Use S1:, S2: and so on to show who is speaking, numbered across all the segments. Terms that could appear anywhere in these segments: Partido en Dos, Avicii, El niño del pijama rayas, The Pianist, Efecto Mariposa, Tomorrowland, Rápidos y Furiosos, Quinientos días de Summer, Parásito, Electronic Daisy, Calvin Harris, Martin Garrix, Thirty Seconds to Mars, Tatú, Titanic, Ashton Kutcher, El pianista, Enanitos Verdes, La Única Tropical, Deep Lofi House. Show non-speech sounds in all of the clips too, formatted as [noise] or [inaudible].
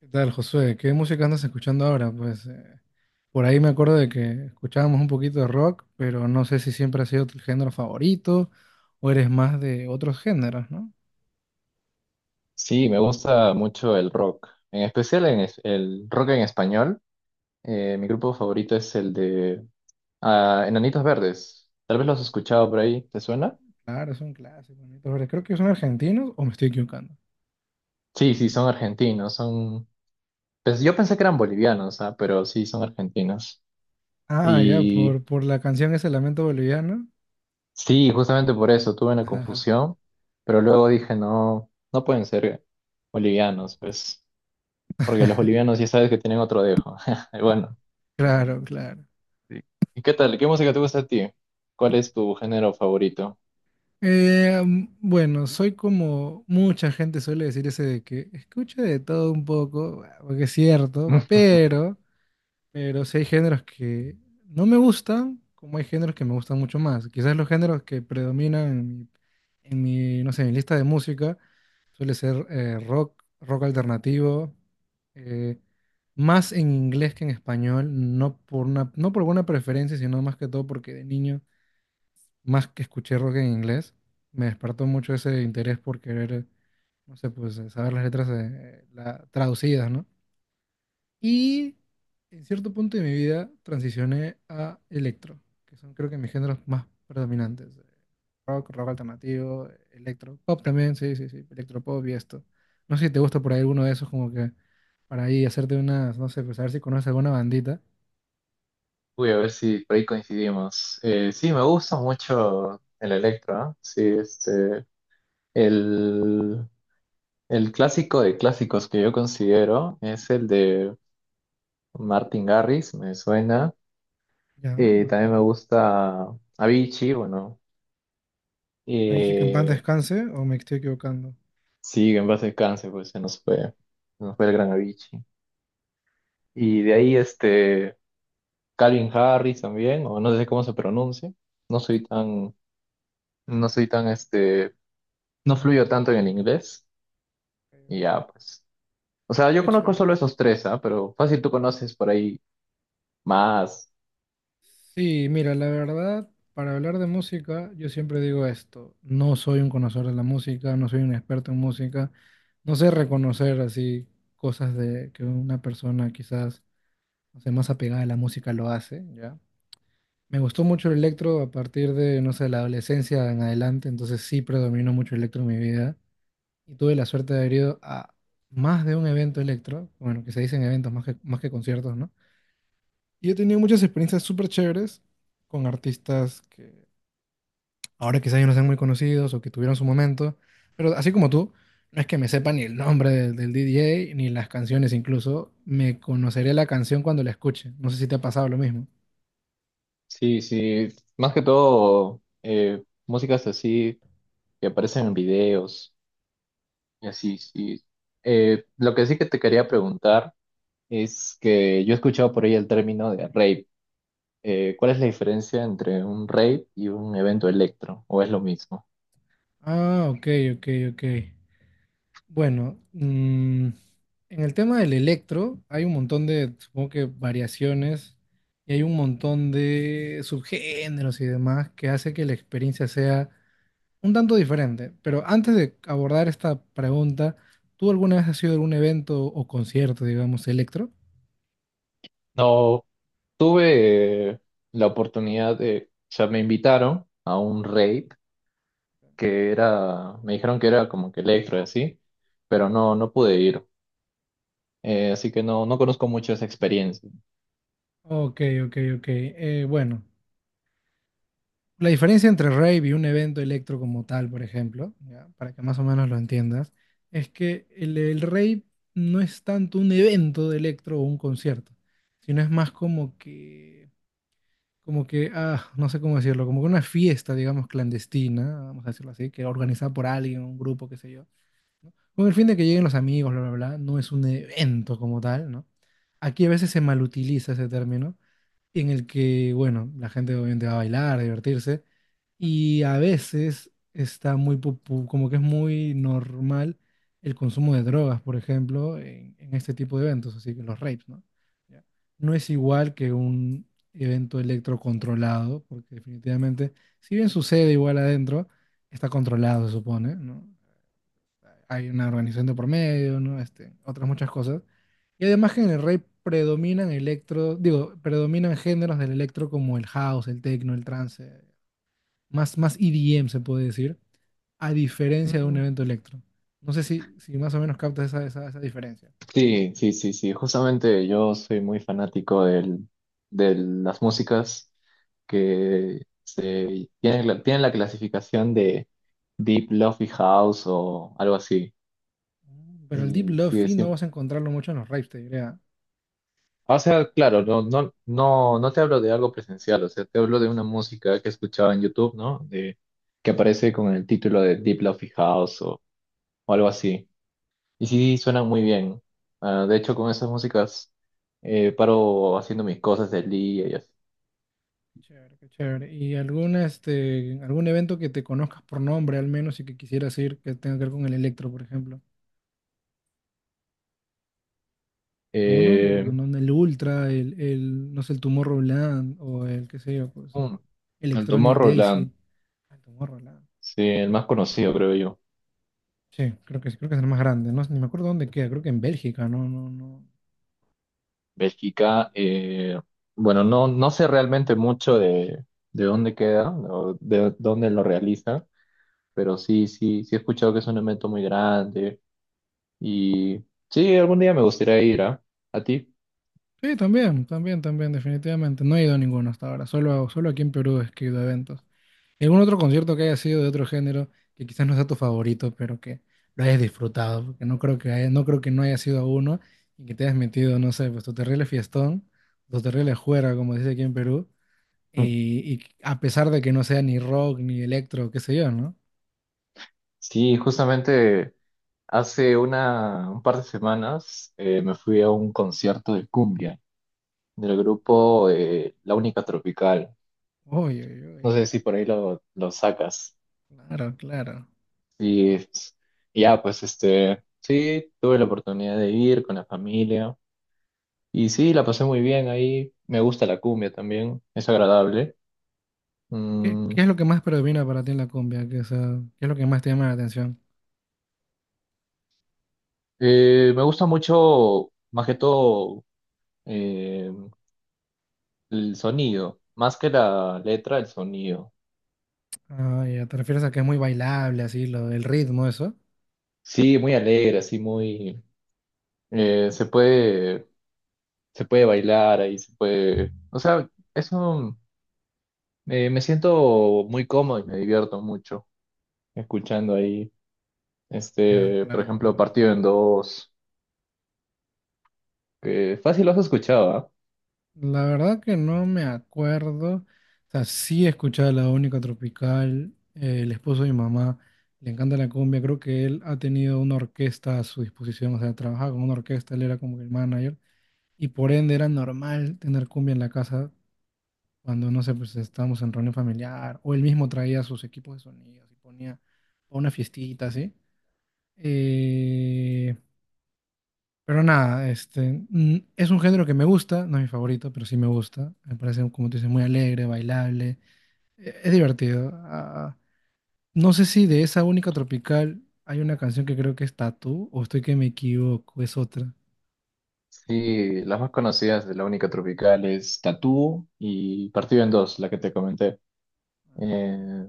S1: ¿Qué tal, Josué? ¿Qué música andas escuchando ahora? Por ahí me acuerdo de que escuchábamos un poquito de rock, pero no sé si siempre ha sido tu género favorito o eres más de otros géneros, ¿no?
S2: Sí, me gusta mucho el rock, en especial el rock en español. Mi grupo favorito es el de Enanitos Verdes. Tal vez los has escuchado por ahí, ¿te suena?
S1: Claro, son clásicos. Bonitos, pero creo que son argentinos o me estoy equivocando.
S2: Sí, sí, son argentinos, son... Pues yo pensé que eran bolivianos, ah, pero sí, son argentinos.
S1: Ah, ya,
S2: Y
S1: por la canción ese Lamento Boliviano.
S2: sí, justamente por eso tuve una
S1: Ajá.
S2: confusión, pero luego dije, no, no pueden ser bolivianos, pues, porque los
S1: [laughs]
S2: bolivianos ya sabes que tienen otro dejo. [laughs] Bueno.
S1: Claro, claro.
S2: Sí. ¿Y qué tal? ¿Qué música te gusta a ti? ¿Cuál es tu género favorito?
S1: Bueno, soy como mucha gente suele decir ese de que escucho de todo un poco, ah, porque es cierto,
S2: [laughs]
S1: pero... pero sí hay géneros que no me gustan, como hay géneros que me gustan mucho más. Quizás los géneros que predominan en mi, no sé, en mi lista de música suele ser rock, rock alternativo, eh, más en inglés que en español, no por alguna preferencia, sino más que todo porque de niño, más que escuché rock en inglés, me despertó mucho ese interés por querer, no sé, pues saber las letras traducidas, ¿no? Y en cierto punto de mi vida transicioné a electro, que son creo que mis géneros más predominantes. Rock, rock alternativo, electro, pop también, sí, sí, sí, electropop y esto. No sé si te gusta por ahí alguno de esos, como que para ahí hacerte unas, no sé, pues a ver si conoces alguna bandita.
S2: Voy a ver si por ahí coincidimos. Sí, me gusta mucho el electro, ¿ah? Sí, este, el, el clásico de clásicos que yo considero es el de Martin Garrix, me suena.
S1: Ya,
S2: También
S1: Martin
S2: me
S1: Garrix.
S2: gusta Avicii, bueno,
S1: ¿Me has dicho que en paz
S2: eh,
S1: descanse o me estoy equivocando?
S2: sí, en base al cáncer, pues se nos fue el gran Avicii. Y de ahí, este, Calvin Harris también, o no sé cómo se pronuncia. No
S1: Sí,
S2: soy tan, no soy tan, este, no fluyo tanto en el inglés.
S1: ok,
S2: Y
S1: ok.
S2: ya, pues. O sea, yo
S1: Qué
S2: conozco
S1: chévere.
S2: solo esos tres, ¿ah? Pero fácil tú conoces por ahí más.
S1: Sí, mira, la verdad, para hablar de música, yo siempre digo esto, no soy un conocedor de la música, no soy un experto en música, no sé reconocer así cosas de que una persona quizás, no sé, más apegada a la música lo hace, ¿ya? Me gustó mucho el electro a partir de, no sé, la adolescencia en adelante, entonces sí predominó mucho el electro en mi vida y tuve la suerte de haber ido a más de un evento electro, bueno, que se dicen eventos más que conciertos, ¿no? Y he tenido muchas experiencias súper chéveres con artistas que ahora quizás ya no sean muy conocidos o que tuvieron su momento, pero así como tú, no es que me sepa ni el nombre del DJ ni las canciones incluso, me conoceré la canción cuando la escuche. No sé si te ha pasado lo mismo.
S2: Sí, sí. Más que todo, músicas así que aparecen en videos. Y así, sí. Lo que sí que te quería preguntar es que yo he escuchado por ahí el término de rave. ¿Cuál es la diferencia entre un rave y un evento electro? ¿O es lo mismo?
S1: Ah, ok, ok, ok. Bueno, en el tema del electro hay un montón de, supongo que variaciones y hay un montón de subgéneros y demás que hace que la experiencia sea un tanto diferente, pero antes de abordar esta pregunta, ¿tú alguna vez has ido a algún evento o concierto, digamos, electro?
S2: No, tuve la oportunidad de, o sea, me invitaron a un rave que era, me dijeron que era como que electro y así, pero no, no pude ir. Así que no, no conozco mucho esa experiencia.
S1: Ok, ok, ok. Bueno, la diferencia entre rave y un evento electro como tal, por ejemplo, ya, para que más o menos lo entiendas, es que el rave no es tanto un evento de electro o un concierto, sino es más como que, ah, no sé cómo decirlo, como que una fiesta, digamos, clandestina, vamos a decirlo así, que organizada por alguien, un grupo, qué sé yo, ¿no? Con el fin de que lleguen los amigos, bla, bla, bla, no es un evento como tal, ¿no? Aquí a veces se malutiliza ese término en el que, bueno, la gente obviamente va a bailar, a divertirse, y a veces está muy, popu- como que es muy normal el consumo de drogas, por ejemplo, en este tipo de eventos, así que los rapes, ¿no? Ya. No es igual que un evento electrocontrolado, porque definitivamente, si bien sucede igual adentro, está controlado, se supone, ¿no? Hay una organización de por medio, ¿no? Este, otras muchas cosas. Y además que en el rey predominan electro, digo, predominan géneros del electro como el house, el techno, el trance, más EDM se puede decir, a diferencia de un
S2: Mm,
S1: evento electro. No sé si, si más o menos captas esa diferencia.
S2: Sí, sí, sí, sí, justamente yo soy muy fanático de las músicas que tienen la clasificación de Deep Lofi House o algo así,
S1: Mm. Pero el Deep
S2: y sí,
S1: Lofi no
S2: sí,
S1: vas a encontrarlo mucho en los raves, te diría.
S2: o sea, claro, no te hablo de algo presencial, o sea, te hablo de una música que escuchaba en YouTube, ¿no? Que aparece con el título de Deep Lofi House o algo así. Y sí, suenan muy bien. Ah, de hecho, con esas músicas paro haciendo mis cosas del día y así.
S1: Chévere, qué chévere. ¿Y algún, este, algún evento que te conozcas por nombre al menos y que quisieras ir que tenga que ver con el electro, por ejemplo? Alguno, no,
S2: Eh,
S1: no, el Ultra, no sé, el Tomorrowland o el, qué sé yo, pues,
S2: mm, el
S1: Electronic Daisy.
S2: Tomorrowland,
S1: Ah, el Tomorrowland.
S2: sí, el más conocido, creo yo.
S1: Sí, creo que es el más grande. No, sé, ni me acuerdo dónde queda, creo que en Bélgica, no, no, no.
S2: Bélgica, bueno, no, no sé realmente mucho de dónde queda o de dónde lo realiza. Pero sí, sí, sí he escuchado que es un evento muy grande y sí, algún día me gustaría ir, ¿ah? ¿A ti?
S1: Sí, también, también, también, definitivamente. No he ido a ninguno hasta ahora. Solo aquí en Perú es que he ido a eventos. ¿Y algún otro concierto que haya sido de otro género que quizás no sea tu favorito, pero que lo hayas disfrutado? Porque no creo que haya- no creo que no haya sido a uno y que te hayas metido, no sé, pues tu terrible fiestón, tu terrible juerga, como dice aquí en Perú,
S2: [laughs]
S1: y a pesar de que no sea ni rock, ni electro, qué sé yo, ¿no?
S2: Sí, justamente un par de semanas me fui a un concierto de cumbia del grupo La Única Tropical.
S1: Uy, uy,
S2: No
S1: uy.
S2: sé si por ahí lo sacas.
S1: Claro, claro.
S2: Y es- y ya, pues este, sí, tuve la oportunidad de ir con la familia y sí, la pasé muy bien ahí. Me gusta la cumbia también, es agradable.
S1: ¿Qué,
S2: Mm,
S1: qué es lo que más predomina para ti en la cumbia? ¿Qué, o sea, qué es lo que más te llama la atención?
S2: Me gusta mucho, más que todo, eh, el sonido, más que la letra, el sonido.
S1: Ah, ya, te refieres a que es muy bailable, así, lo, el ritmo, eso.
S2: Sí, muy alegre, así muy... eh, se puede, se puede bailar ahí, se puede... O sea, eso me siento muy cómodo y me divierto mucho escuchando ahí,
S1: Ya,
S2: este, por
S1: claro,
S2: ejemplo,
S1: claro.
S2: Partido en Dos, que fácil lo has escuchado, ¿ah?
S1: La verdad que no me acuerdo. O sea, sí he escuchado La Única Tropical, el esposo de mi mamá, le encanta la cumbia. Creo que él ha tenido una orquesta a su disposición, o sea, trabajaba con una orquesta, él era como que el manager. Y por ende era normal tener cumbia en la casa cuando, no sé, pues estábamos en reunión familiar, o él mismo traía sus equipos de sonidos y ponía una fiestita, así. Eh, Pero nada, este, mm, es un género que me gusta, no es mi favorito, pero sí me gusta. Me parece, como tú dices, muy alegre, bailable, e- es divertido. Ah, no sé si de esa única tropical hay una canción que creo que es Tatú, o estoy que me equivoco, es otra.
S2: Sí, las más conocidas de la única tropical es Tatú y Partido en Dos, la que te comenté. Eh,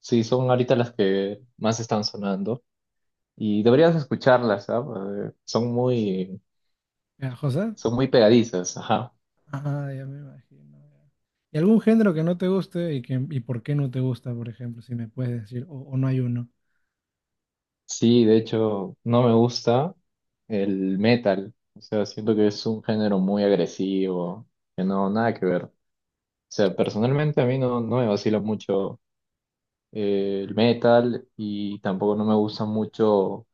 S2: sí, son ahorita las que más están sonando y deberías escucharlas, ¿sabes?
S1: ¿Ya, José?
S2: Son muy pegadizas, ajá.
S1: Ah, ya me imagino. Ya. ¿Y algún género que no te guste y por qué no te gusta, por ejemplo, si me puedes decir, o no hay uno?
S2: Sí, de hecho, no me gusta el metal, o sea, siento que es un género muy agresivo, que no, nada que ver. O sea, personalmente a mí no, no me vacila mucho el metal y tampoco no me gusta mucho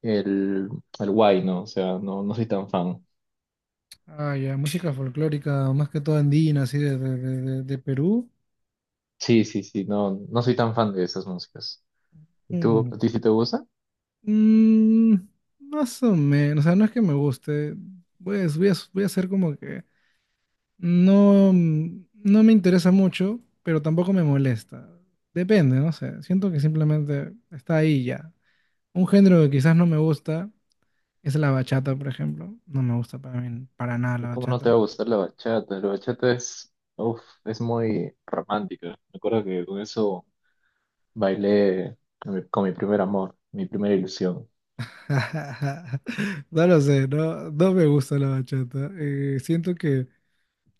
S2: el, el guay, ¿no? O sea, no, no soy tan fan.
S1: Ah, ya, música folclórica, más que todo andina, así de Perú.
S2: Sí, sí, sí, no, no soy tan fan de esas músicas. ¿Y tú, a ti sí te gusta?
S1: Mm, más o menos, o sea, no es que me guste. Pues voy a hacer como que no, mm, no me interesa mucho, pero tampoco me molesta. Depende, no sé. Siento que simplemente está ahí ya. Un género que quizás no me gusta es la bachata, por ejemplo. No me gusta para mí, para nada la
S2: ¿Cómo no te
S1: bachata.
S2: va a gustar la bachata? La bachata es, uf, es muy romántica. Me acuerdo que con eso bailé con mi primer amor, mi primera ilusión.
S1: [laughs] No lo sé, no, no me gusta la bachata. Siento que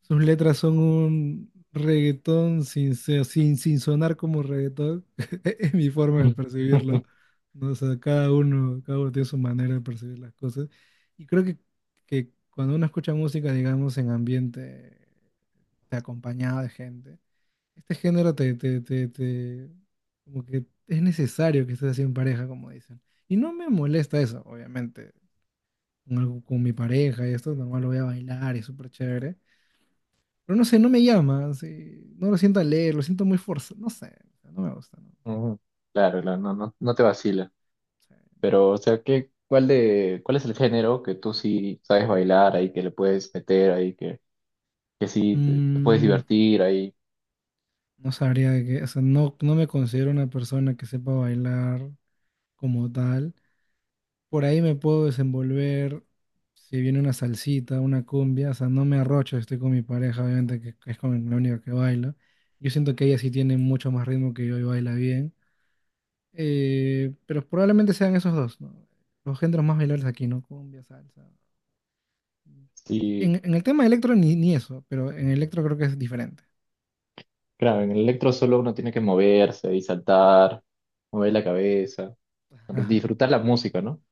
S1: sus letras son un reggaetón sin, se- sin, sin sonar como reggaetón. [laughs] Es mi forma de
S2: Mm.
S1: percibirlo.
S2: [laughs]
S1: ¿No? O sea, cada uno tiene su manera de percibir las cosas. Y creo que cuando uno escucha música, digamos, en ambiente de acompañado de gente, este género como que es necesario que estés así en pareja, como dicen. Y no me molesta eso, obviamente. Con, algo- con mi pareja y esto, normal lo voy a bailar y es súper chévere. Pero no sé, no me llama, así, no lo siento al leer, lo siento muy forzado, no sé, no me gusta, no,
S2: Ujú. Claro, no, no, no te vacila.
S1: sé.
S2: Pero, o sea, ¿cuál es el género que tú sí sabes bailar ahí, que le puedes meter ahí, que sí te puedes
S1: Mm,
S2: divertir ahí?
S1: no sabría que, o sea, no, no me considero una persona que sepa bailar como tal. Por ahí me puedo desenvolver si viene una salsita, una cumbia, o sea, no me arrocho, estoy con mi pareja, obviamente, que es con la única que baila. Yo siento que ella sí tiene mucho más ritmo que yo y baila bien. Pero probablemente sean esos dos, ¿no? Los géneros más bailables aquí, ¿no? Cumbia, salsa.
S2: Sí,
S1: En el tema de electro ni, ni eso, pero en electro creo que es diferente.
S2: claro, en el electro solo uno tiene que moverse y saltar, mover la cabeza.
S1: Ajá.
S2: Disfrutar la música, ¿no?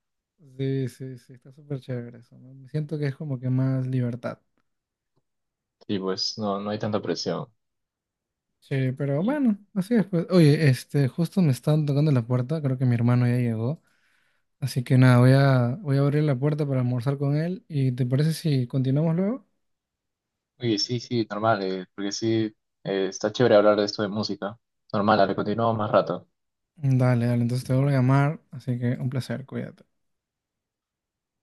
S1: Sí, sí, sí, está súper chévere eso, ¿no? Me siento que es como que más libertad.
S2: Y pues no, no hay tanta presión.
S1: Sí, pero
S2: Y,
S1: bueno, así es pues. Oye, este, justo me están tocando la puerta, creo que mi hermano ya llegó. Así que nada, voy a abrir la puerta para almorzar con él. ¿Y te parece si continuamos luego?
S2: oye, sí, sí, normal, porque sí, está chévere hablar de esto de música. Normal, dale, continuamos más rato.
S1: Dale, dale, entonces te vuelvo a llamar, así que un placer, cuídate.